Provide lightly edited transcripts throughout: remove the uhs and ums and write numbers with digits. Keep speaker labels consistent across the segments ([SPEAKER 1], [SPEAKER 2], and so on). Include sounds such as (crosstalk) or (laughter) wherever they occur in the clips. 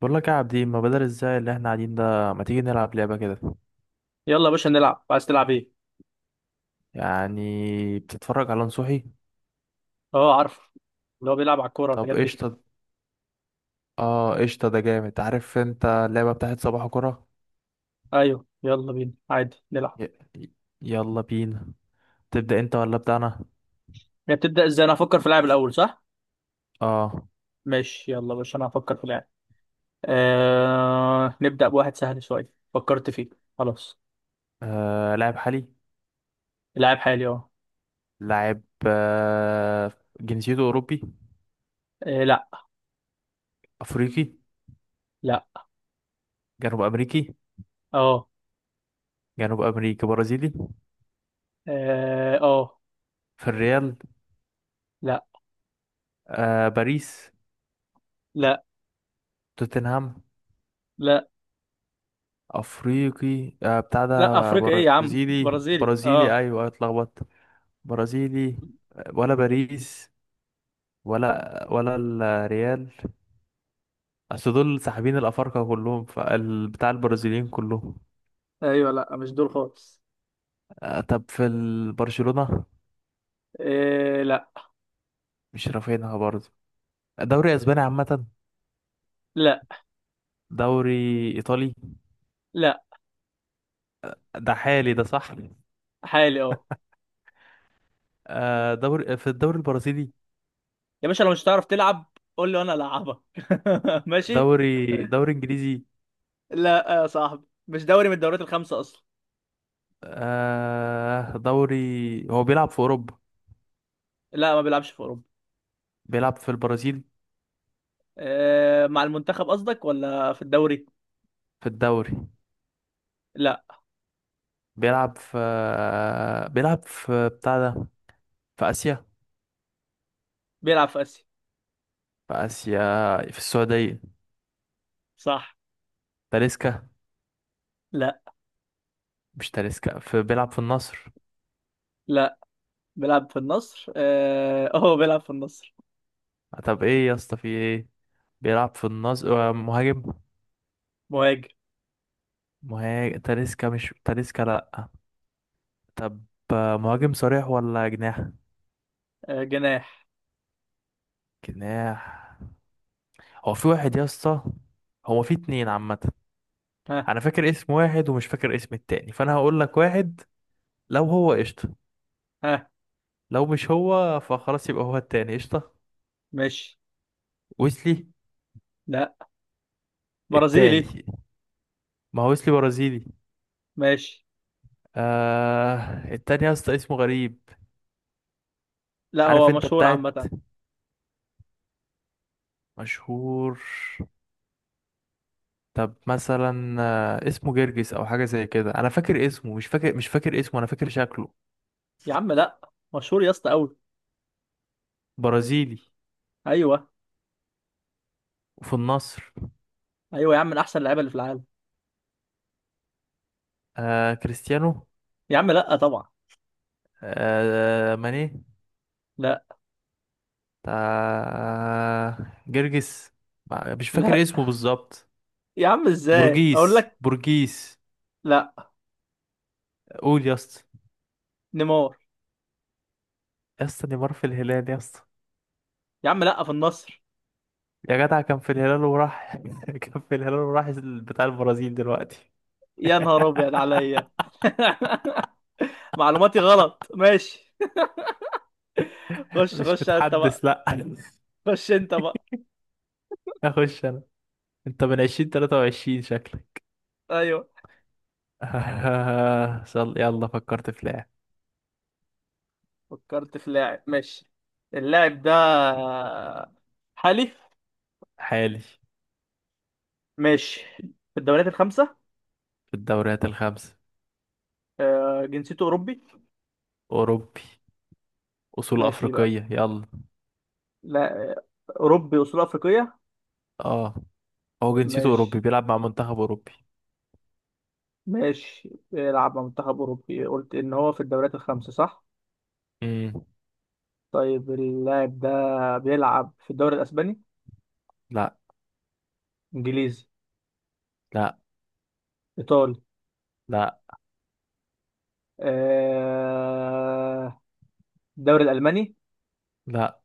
[SPEAKER 1] بقول لك يا عابدين، ما بدل ازاي اللي احنا قاعدين ده. ما تيجي نلعب لعبة كده؟
[SPEAKER 2] يلا يا باشا، نلعب. عايز تلعب ايه؟
[SPEAKER 1] يعني بتتفرج على نصوحي.
[SPEAKER 2] اه، عارف. اللي هو بيلعب على الكوره
[SPEAKER 1] طب
[SPEAKER 2] والحاجات دي.
[SPEAKER 1] قشطة. اه قشطة، ده جامد. عارف انت اللعبة بتاعت صباح كرة.
[SPEAKER 2] ايوه، يلا بينا، عادي نلعب.
[SPEAKER 1] ي... ي- يلا بينا. تبدأ انت ولا ابدأ انا؟
[SPEAKER 2] هي بتبدا ازاي؟ انا هفكر في لاعب الاول، صح؟
[SPEAKER 1] اه.
[SPEAKER 2] ماشي، يلا يا باشا، انا هفكر في لاعب. نبدا بواحد سهل شويه، فكرت فيه. خلاص.
[SPEAKER 1] آه. لاعب حالي.
[SPEAKER 2] لاعب حالي، اه.
[SPEAKER 1] لاعب. آه. جنسيته اوروبي؟
[SPEAKER 2] لا.
[SPEAKER 1] افريقي؟
[SPEAKER 2] لا.
[SPEAKER 1] جنوب امريكي؟
[SPEAKER 2] اه.
[SPEAKER 1] جنوب امريكي برازيلي.
[SPEAKER 2] اه، آه.
[SPEAKER 1] في الريال؟
[SPEAKER 2] لا.
[SPEAKER 1] آه. باريس؟
[SPEAKER 2] لا.
[SPEAKER 1] توتنهام؟
[SPEAKER 2] لا.
[SPEAKER 1] افريقي آه، بتاع
[SPEAKER 2] لا،
[SPEAKER 1] ده
[SPEAKER 2] افريقيا ايه يا عم،
[SPEAKER 1] برازيلي
[SPEAKER 2] برازيلي
[SPEAKER 1] برازيلي
[SPEAKER 2] اه.
[SPEAKER 1] ايوه اتلخبطت. برازيلي ولا باريس ولا الريال. اصل دول ساحبين الافارقه كلهم فبتاع البرازيليين كلهم.
[SPEAKER 2] ايوه، لا، مش دول خالص.
[SPEAKER 1] آه، طب في برشلونه؟
[SPEAKER 2] لا.
[SPEAKER 1] مش رافينها برضه. دوري اسباني عامه؟
[SPEAKER 2] لا.
[SPEAKER 1] دوري ايطالي؟
[SPEAKER 2] لا.
[SPEAKER 1] ده حالي ده صح؟
[SPEAKER 2] حالي، اه.
[SPEAKER 1] آه، دوري في الدوري البرازيلي؟
[SPEAKER 2] يا باشا، لو مش هتعرف تلعب، قول لي وانا العبك. (laughs) ماشي.
[SPEAKER 1] دوري انجليزي؟
[SPEAKER 2] لا يا صاحبي، مش دوري من الدوريات الخمسه اصلا.
[SPEAKER 1] آه، دوري. هو بيلعب في اوروبا؟
[SPEAKER 2] لا، ما بيلعبش في اوروبا.
[SPEAKER 1] بيلعب في البرازيل؟
[SPEAKER 2] مع المنتخب قصدك ولا في الدوري؟
[SPEAKER 1] في الدوري؟
[SPEAKER 2] لا.
[SPEAKER 1] بيلعب في، بيلعب في بتاع ده، في آسيا.
[SPEAKER 2] بيلعب في اسيا،
[SPEAKER 1] في آسيا، في السعودية.
[SPEAKER 2] صح؟
[SPEAKER 1] تاليسكا؟
[SPEAKER 2] لا.
[SPEAKER 1] مش تاليسكا؟ في بيلعب في النصر.
[SPEAKER 2] لا، بيلعب في النصر اه، هو بيلعب في النصر.
[SPEAKER 1] طب ايه يا اسطى في ايه؟ بيلعب في النصر آه، مهاجم.
[SPEAKER 2] مهاجم.
[SPEAKER 1] مهاجم. تاليسكا؟ مش تاليسكا لأ. طب آه، مهاجم صريح ولا جناح؟
[SPEAKER 2] جناح.
[SPEAKER 1] جناح. هو في واحد يا اسطى، هو في اتنين عامة.
[SPEAKER 2] ها.
[SPEAKER 1] انا فاكر اسم واحد ومش فاكر اسم التاني، فانا هقول لك واحد، لو هو قشطة.
[SPEAKER 2] ها.
[SPEAKER 1] لو مش هو فخلاص يبقى هو التاني قشطة.
[SPEAKER 2] ماشي.
[SPEAKER 1] ويسلي؟
[SPEAKER 2] لا، برازيلي.
[SPEAKER 1] التاني. ما هو ويسلي برازيلي.
[SPEAKER 2] ماشي.
[SPEAKER 1] آه، التاني يا اسطى اسمه غريب.
[SPEAKER 2] لا،
[SPEAKER 1] عارف
[SPEAKER 2] هو
[SPEAKER 1] انت
[SPEAKER 2] مشهور
[SPEAKER 1] بتاعت.
[SPEAKER 2] عامه.
[SPEAKER 1] مشهور. طب مثلا آه، اسمه جرجس او حاجه زي كده. انا فاكر اسمه، مش فاكر اسمه، انا فاكر شكله.
[SPEAKER 2] يا عم، لا. مشهور يا اسطى، قوي.
[SPEAKER 1] برازيلي
[SPEAKER 2] ايوه.
[SPEAKER 1] وفي النصر.
[SPEAKER 2] ايوه يا عم، من احسن اللعيبه اللي في العالم.
[SPEAKER 1] آه كريستيانو؟
[SPEAKER 2] يا عم، لا طبعا.
[SPEAKER 1] آه ماني؟
[SPEAKER 2] لا.
[SPEAKER 1] آه جرجس. مش
[SPEAKER 2] لا.
[SPEAKER 1] فاكر اسمه بالظبط.
[SPEAKER 2] يا عم، ازاي
[SPEAKER 1] بورجيس
[SPEAKER 2] اقول لك؟
[SPEAKER 1] بورجيس
[SPEAKER 2] لا.
[SPEAKER 1] قول يا اسطى.
[SPEAKER 2] نيمار.
[SPEAKER 1] يا اسطى نيمار في الهلال يا اسطى.
[SPEAKER 2] يا عم، لا، في النصر.
[SPEAKER 1] يا جدع كان في الهلال وراح (laughs) كان في الهلال وراح بتاع البرازيل دلوقتي.
[SPEAKER 2] يا نهار ابيض
[SPEAKER 1] (laughs)
[SPEAKER 2] عليا! (laughs) معلوماتي غلط، ماشي. خش
[SPEAKER 1] مش
[SPEAKER 2] خش انت بقى.
[SPEAKER 1] متحدث لا.
[SPEAKER 2] خش انت بقى.
[SPEAKER 1] اخش انا. انت من 2023 شكلك.
[SPEAKER 2] ايوه.
[SPEAKER 1] (laughs) آه، صل يلا فكرت في لاعب.
[SPEAKER 2] فكرت في لاعب، ماشي. اللاعب ده، حالي.
[SPEAKER 1] حالي.
[SPEAKER 2] ماشي. في الدوريات الخمسة.
[SPEAKER 1] في الدوريات الخمسة.
[SPEAKER 2] جنسيته أوروبي.
[SPEAKER 1] اوروبي اصول
[SPEAKER 2] ماشي بقى.
[SPEAKER 1] افريقية يلا.
[SPEAKER 2] لا. أوروبي وصول أفريقية.
[SPEAKER 1] اه. هو جنسيته اوروبي
[SPEAKER 2] ماشي.
[SPEAKER 1] بيلعب مع منتخب اوروبي.
[SPEAKER 2] ماشي، بيلعب مع منتخب أوروبي، قلت إن هو في الدوريات الخمسة، صح؟
[SPEAKER 1] امم.
[SPEAKER 2] طيب، اللاعب ده بيلعب في الدوري الاسباني؟
[SPEAKER 1] لا.
[SPEAKER 2] انجليزي؟
[SPEAKER 1] لا.
[SPEAKER 2] ايطالي؟
[SPEAKER 1] لا.
[SPEAKER 2] آه... الدوري الالماني؟
[SPEAKER 1] لا.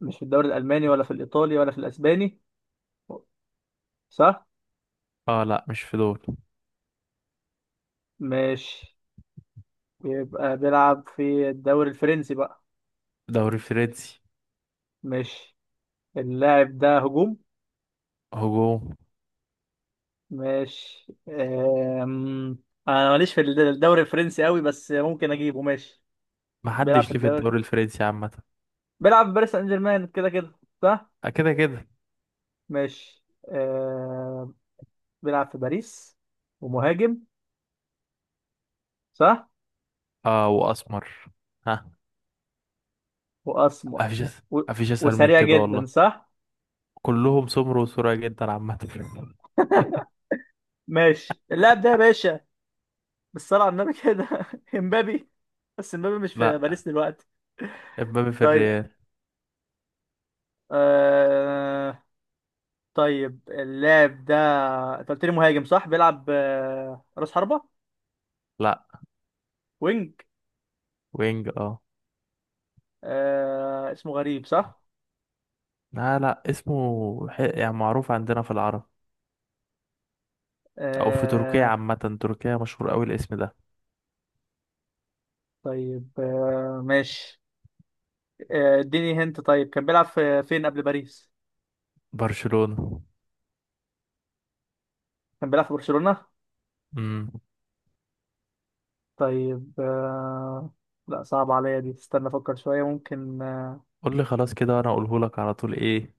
[SPEAKER 2] مش في الدوري الالماني ولا في الايطالي ولا في الاسباني، صح؟
[SPEAKER 1] اه لا مش في دول.
[SPEAKER 2] مش. يبقى بيلعب في الدوري الفرنسي بقى.
[SPEAKER 1] دوري فرنسي.
[SPEAKER 2] مش. اللاعب ده هجوم؟
[SPEAKER 1] هجوم.
[SPEAKER 2] مش. انا ماليش في الدوري الفرنسي قوي، بس ممكن اجيبه، ماشي. بيلعب في
[SPEAKER 1] محدش ليه في
[SPEAKER 2] الدوري.
[SPEAKER 1] الدوري الفرنسي عامة.
[SPEAKER 2] بيلعب في باريس سان جيرمان كده كده، صح؟
[SPEAKER 1] آه، كده كده.
[SPEAKER 2] مش. بيلعب في باريس ومهاجم، صح؟
[SPEAKER 1] اه واسمر. ها.
[SPEAKER 2] واسمر.
[SPEAKER 1] مفيش أس-
[SPEAKER 2] و...
[SPEAKER 1] مفيش اسهل من
[SPEAKER 2] وسريع
[SPEAKER 1] كده
[SPEAKER 2] جدا،
[SPEAKER 1] والله.
[SPEAKER 2] صح؟
[SPEAKER 1] كلهم سمر وسرعة جدا عامة.
[SPEAKER 2] ماشي، اللاعب ده يا باشا، بالصلاة على النبي كده (laughs) امبابي. بس امبابي مش
[SPEAKER 1] (laughs)
[SPEAKER 2] في
[SPEAKER 1] لا،
[SPEAKER 2] باريس دلوقتي.
[SPEAKER 1] امبابي في
[SPEAKER 2] طيب.
[SPEAKER 1] الريال.
[SPEAKER 2] آه... طيب، اللاعب ده، انت قلت لي مهاجم، صح؟ بيلعب راس حربة؟
[SPEAKER 1] لا.
[SPEAKER 2] وينج؟
[SPEAKER 1] وينج اه.
[SPEAKER 2] اسمه غريب، صح؟
[SPEAKER 1] لا، لا اسمه يعني معروف عندنا في العرب. او في تركيا
[SPEAKER 2] آه...
[SPEAKER 1] عامة. تركيا مشهور قوي الاسم ده.
[SPEAKER 2] طيب ماشي. اديني هنت، طيب كان بيلعب في فين قبل باريس؟
[SPEAKER 1] برشلونة.
[SPEAKER 2] كان بيلعب في برشلونة.
[SPEAKER 1] امم.
[SPEAKER 2] طيب لا، صعب عليا دي، استنى افكر شوية ممكن
[SPEAKER 1] قول لي خلاص كده وانا اقوله لك على طول ايه.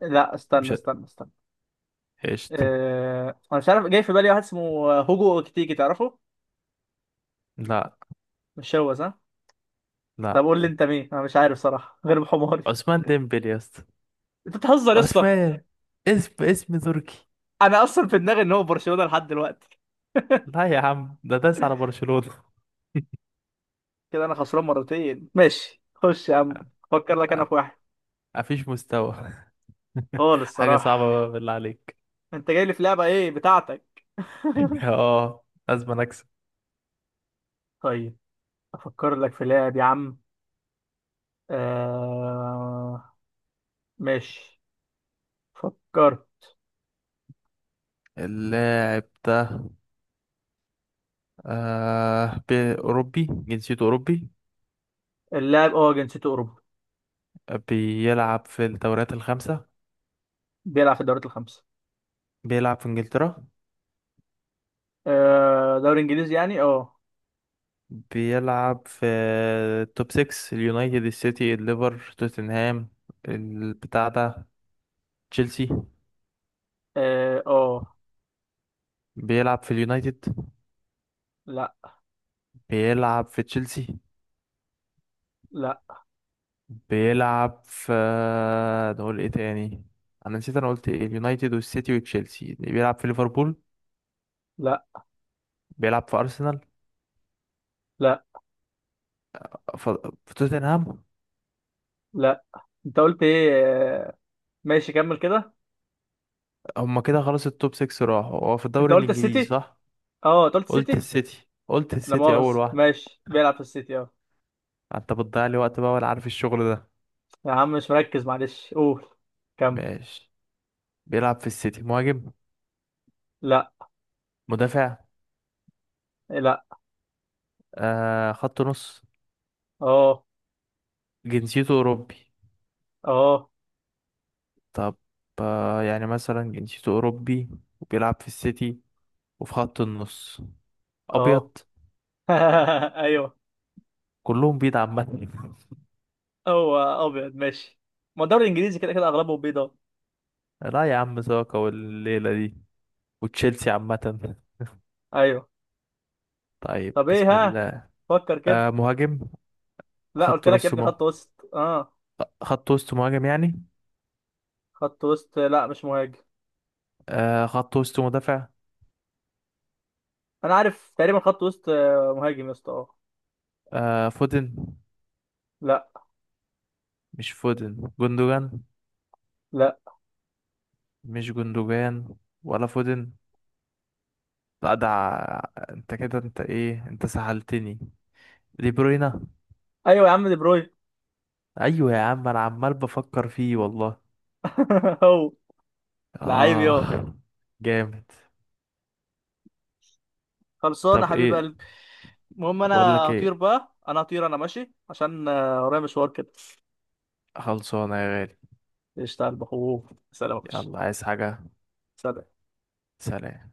[SPEAKER 2] لا، استنى
[SPEAKER 1] مش ه-
[SPEAKER 2] استنى استنى.
[SPEAKER 1] قشطة.
[SPEAKER 2] انا مش عارف، جاي في بالي واحد اسمه هوجو اوكتيكي، تعرفه؟
[SPEAKER 1] لا.
[SPEAKER 2] مش هو صح؟
[SPEAKER 1] لا.
[SPEAKER 2] طب قول لي انت مين، انا مش عارف صراحة غير بحماري.
[SPEAKER 1] عثمان ديمبلي يا اسطى.
[SPEAKER 2] انت بتهزر يا اسطى؟
[SPEAKER 1] عثمان، اسم اسم تركي.
[SPEAKER 2] انا اصلا في دماغي ان هو برشلونة لحد دلوقتي.
[SPEAKER 1] لا يا عم، ده داس على برشلونة.
[SPEAKER 2] كده انا خسران مرتين، ماشي، خش يا عم. فكر لك انا في
[SPEAKER 1] (laughs)
[SPEAKER 2] واحد.
[SPEAKER 1] مفيش مستوى. (laughs)
[SPEAKER 2] خالص
[SPEAKER 1] حاجة صعبة
[SPEAKER 2] الصراحة.
[SPEAKER 1] بقى بالله عليك.
[SPEAKER 2] انت جاي لي في لعبة ايه بتاعتك؟ (laughs)
[SPEAKER 1] (laughs) اه لازم اكسب.
[SPEAKER 2] طيب. افكر لك في لعب يا عم. آه... ماشي. فكر.
[SPEAKER 1] اللاعب ده آه بأوروبي، جنسيته أوروبي.
[SPEAKER 2] اللاعب، اه، جنسيته اوروبي.
[SPEAKER 1] بيلعب في الدوريات الخمسة.
[SPEAKER 2] بيلعب في الدوريات الخمسة.
[SPEAKER 1] بيلعب في إنجلترا.
[SPEAKER 2] آه، دوري انجليزي يعني، اه.
[SPEAKER 1] بيلعب في التوب 6، اليونايتد، السيتي، الليفر، توتنهام، البتاع ده، تشيلسي.
[SPEAKER 2] اه، آه.
[SPEAKER 1] بيلعب في اليونايتد؟
[SPEAKER 2] لا.
[SPEAKER 1] بيلعب في تشيلسي؟
[SPEAKER 2] لا.
[SPEAKER 1] بيلعب في، نقول ايه تاني؟ انا نسيت انا قلت ايه. اليونايتد والسيتي وتشيلسي. بيلعب في ليفربول؟
[SPEAKER 2] لا.
[SPEAKER 1] بيلعب في ارسنال؟
[SPEAKER 2] لا.
[SPEAKER 1] ف- في توتنهام؟
[SPEAKER 2] لا. انت قلت ايه؟ ماشي، كمل كده.
[SPEAKER 1] هما كده خلاص التوب 6 راحوا. هو في
[SPEAKER 2] انت
[SPEAKER 1] الدوري
[SPEAKER 2] قلت
[SPEAKER 1] الانجليزي
[SPEAKER 2] السيتي.
[SPEAKER 1] صح؟
[SPEAKER 2] اه، انت قلت
[SPEAKER 1] قلت
[SPEAKER 2] السيتي.
[SPEAKER 1] السيتي قلت
[SPEAKER 2] لا
[SPEAKER 1] السيتي اول
[SPEAKER 2] مؤاخذة،
[SPEAKER 1] واحد.
[SPEAKER 2] ماشي، بيلعب في السيتي، اه.
[SPEAKER 1] انت بتضيع لي وقت بقى ولا عارف الشغل ده.
[SPEAKER 2] يا عم مش مركز، معلش، قول. كمل.
[SPEAKER 1] ماشي. بيلعب في السيتي. مهاجم؟
[SPEAKER 2] لا.
[SPEAKER 1] مدافع؟
[SPEAKER 2] لا.
[SPEAKER 1] آه خط نص؟
[SPEAKER 2] اه.
[SPEAKER 1] جنسيته اوروبي؟
[SPEAKER 2] اه.
[SPEAKER 1] طب آه يعني مثلا جنسيته اوروبي وبيلعب في السيتي وفي خط النص. ابيض.
[SPEAKER 2] اه. (laughs) ايوه.
[SPEAKER 1] كلهم بيض عامة. (laughs)
[SPEAKER 2] هو ابيض، ماشي. ما الدوري الانجليزي كده كده اغلبه بيضاء.
[SPEAKER 1] لا يا عم، ساكا والليلة دي وتشيلسي عامة.
[SPEAKER 2] ايوه.
[SPEAKER 1] طيب
[SPEAKER 2] طب ايه؟
[SPEAKER 1] بسم
[SPEAKER 2] ها.
[SPEAKER 1] الله.
[SPEAKER 2] فكر كده.
[SPEAKER 1] آه مهاجم.
[SPEAKER 2] لا،
[SPEAKER 1] خط
[SPEAKER 2] قلت لك
[SPEAKER 1] نص
[SPEAKER 2] يا ابني،
[SPEAKER 1] مه...
[SPEAKER 2] خط وسط، اه.
[SPEAKER 1] خط وسط مهاجم يعني.
[SPEAKER 2] خط وسط، لا، مش مهاجم.
[SPEAKER 1] آه خط وسط مدافع.
[SPEAKER 2] انا عارف تقريبا خط وسط، مهاجم يا اسطى، اه.
[SPEAKER 1] آه فودن؟
[SPEAKER 2] لا.
[SPEAKER 1] مش فودن، جندوجان؟
[SPEAKER 2] لا.
[SPEAKER 1] مش جندوجان ولا فودن. لا ده انت كده، انت سهلتني. دي بروينا.
[SPEAKER 2] ايوه يا عم، دي بروين.
[SPEAKER 1] ايوه يا عم، انا عمال بفكر فيه والله.
[SPEAKER 2] (laughs) هو. لعيب يا،
[SPEAKER 1] اه جامد.
[SPEAKER 2] خلصان يا
[SPEAKER 1] طب
[SPEAKER 2] حبيب
[SPEAKER 1] ايه.
[SPEAKER 2] قلبي. المهم انا،
[SPEAKER 1] بقول لك
[SPEAKER 2] هطير
[SPEAKER 1] ايه.
[SPEAKER 2] بقى، انا هطير، انا ماشي عشان ورايا مشوار كده.
[SPEAKER 1] خلصانه يا غالي.
[SPEAKER 2] اشتغل بخوف. سلام يا باشا.
[SPEAKER 1] يلا عايز حاجة.
[SPEAKER 2] سلام.
[SPEAKER 1] سلام.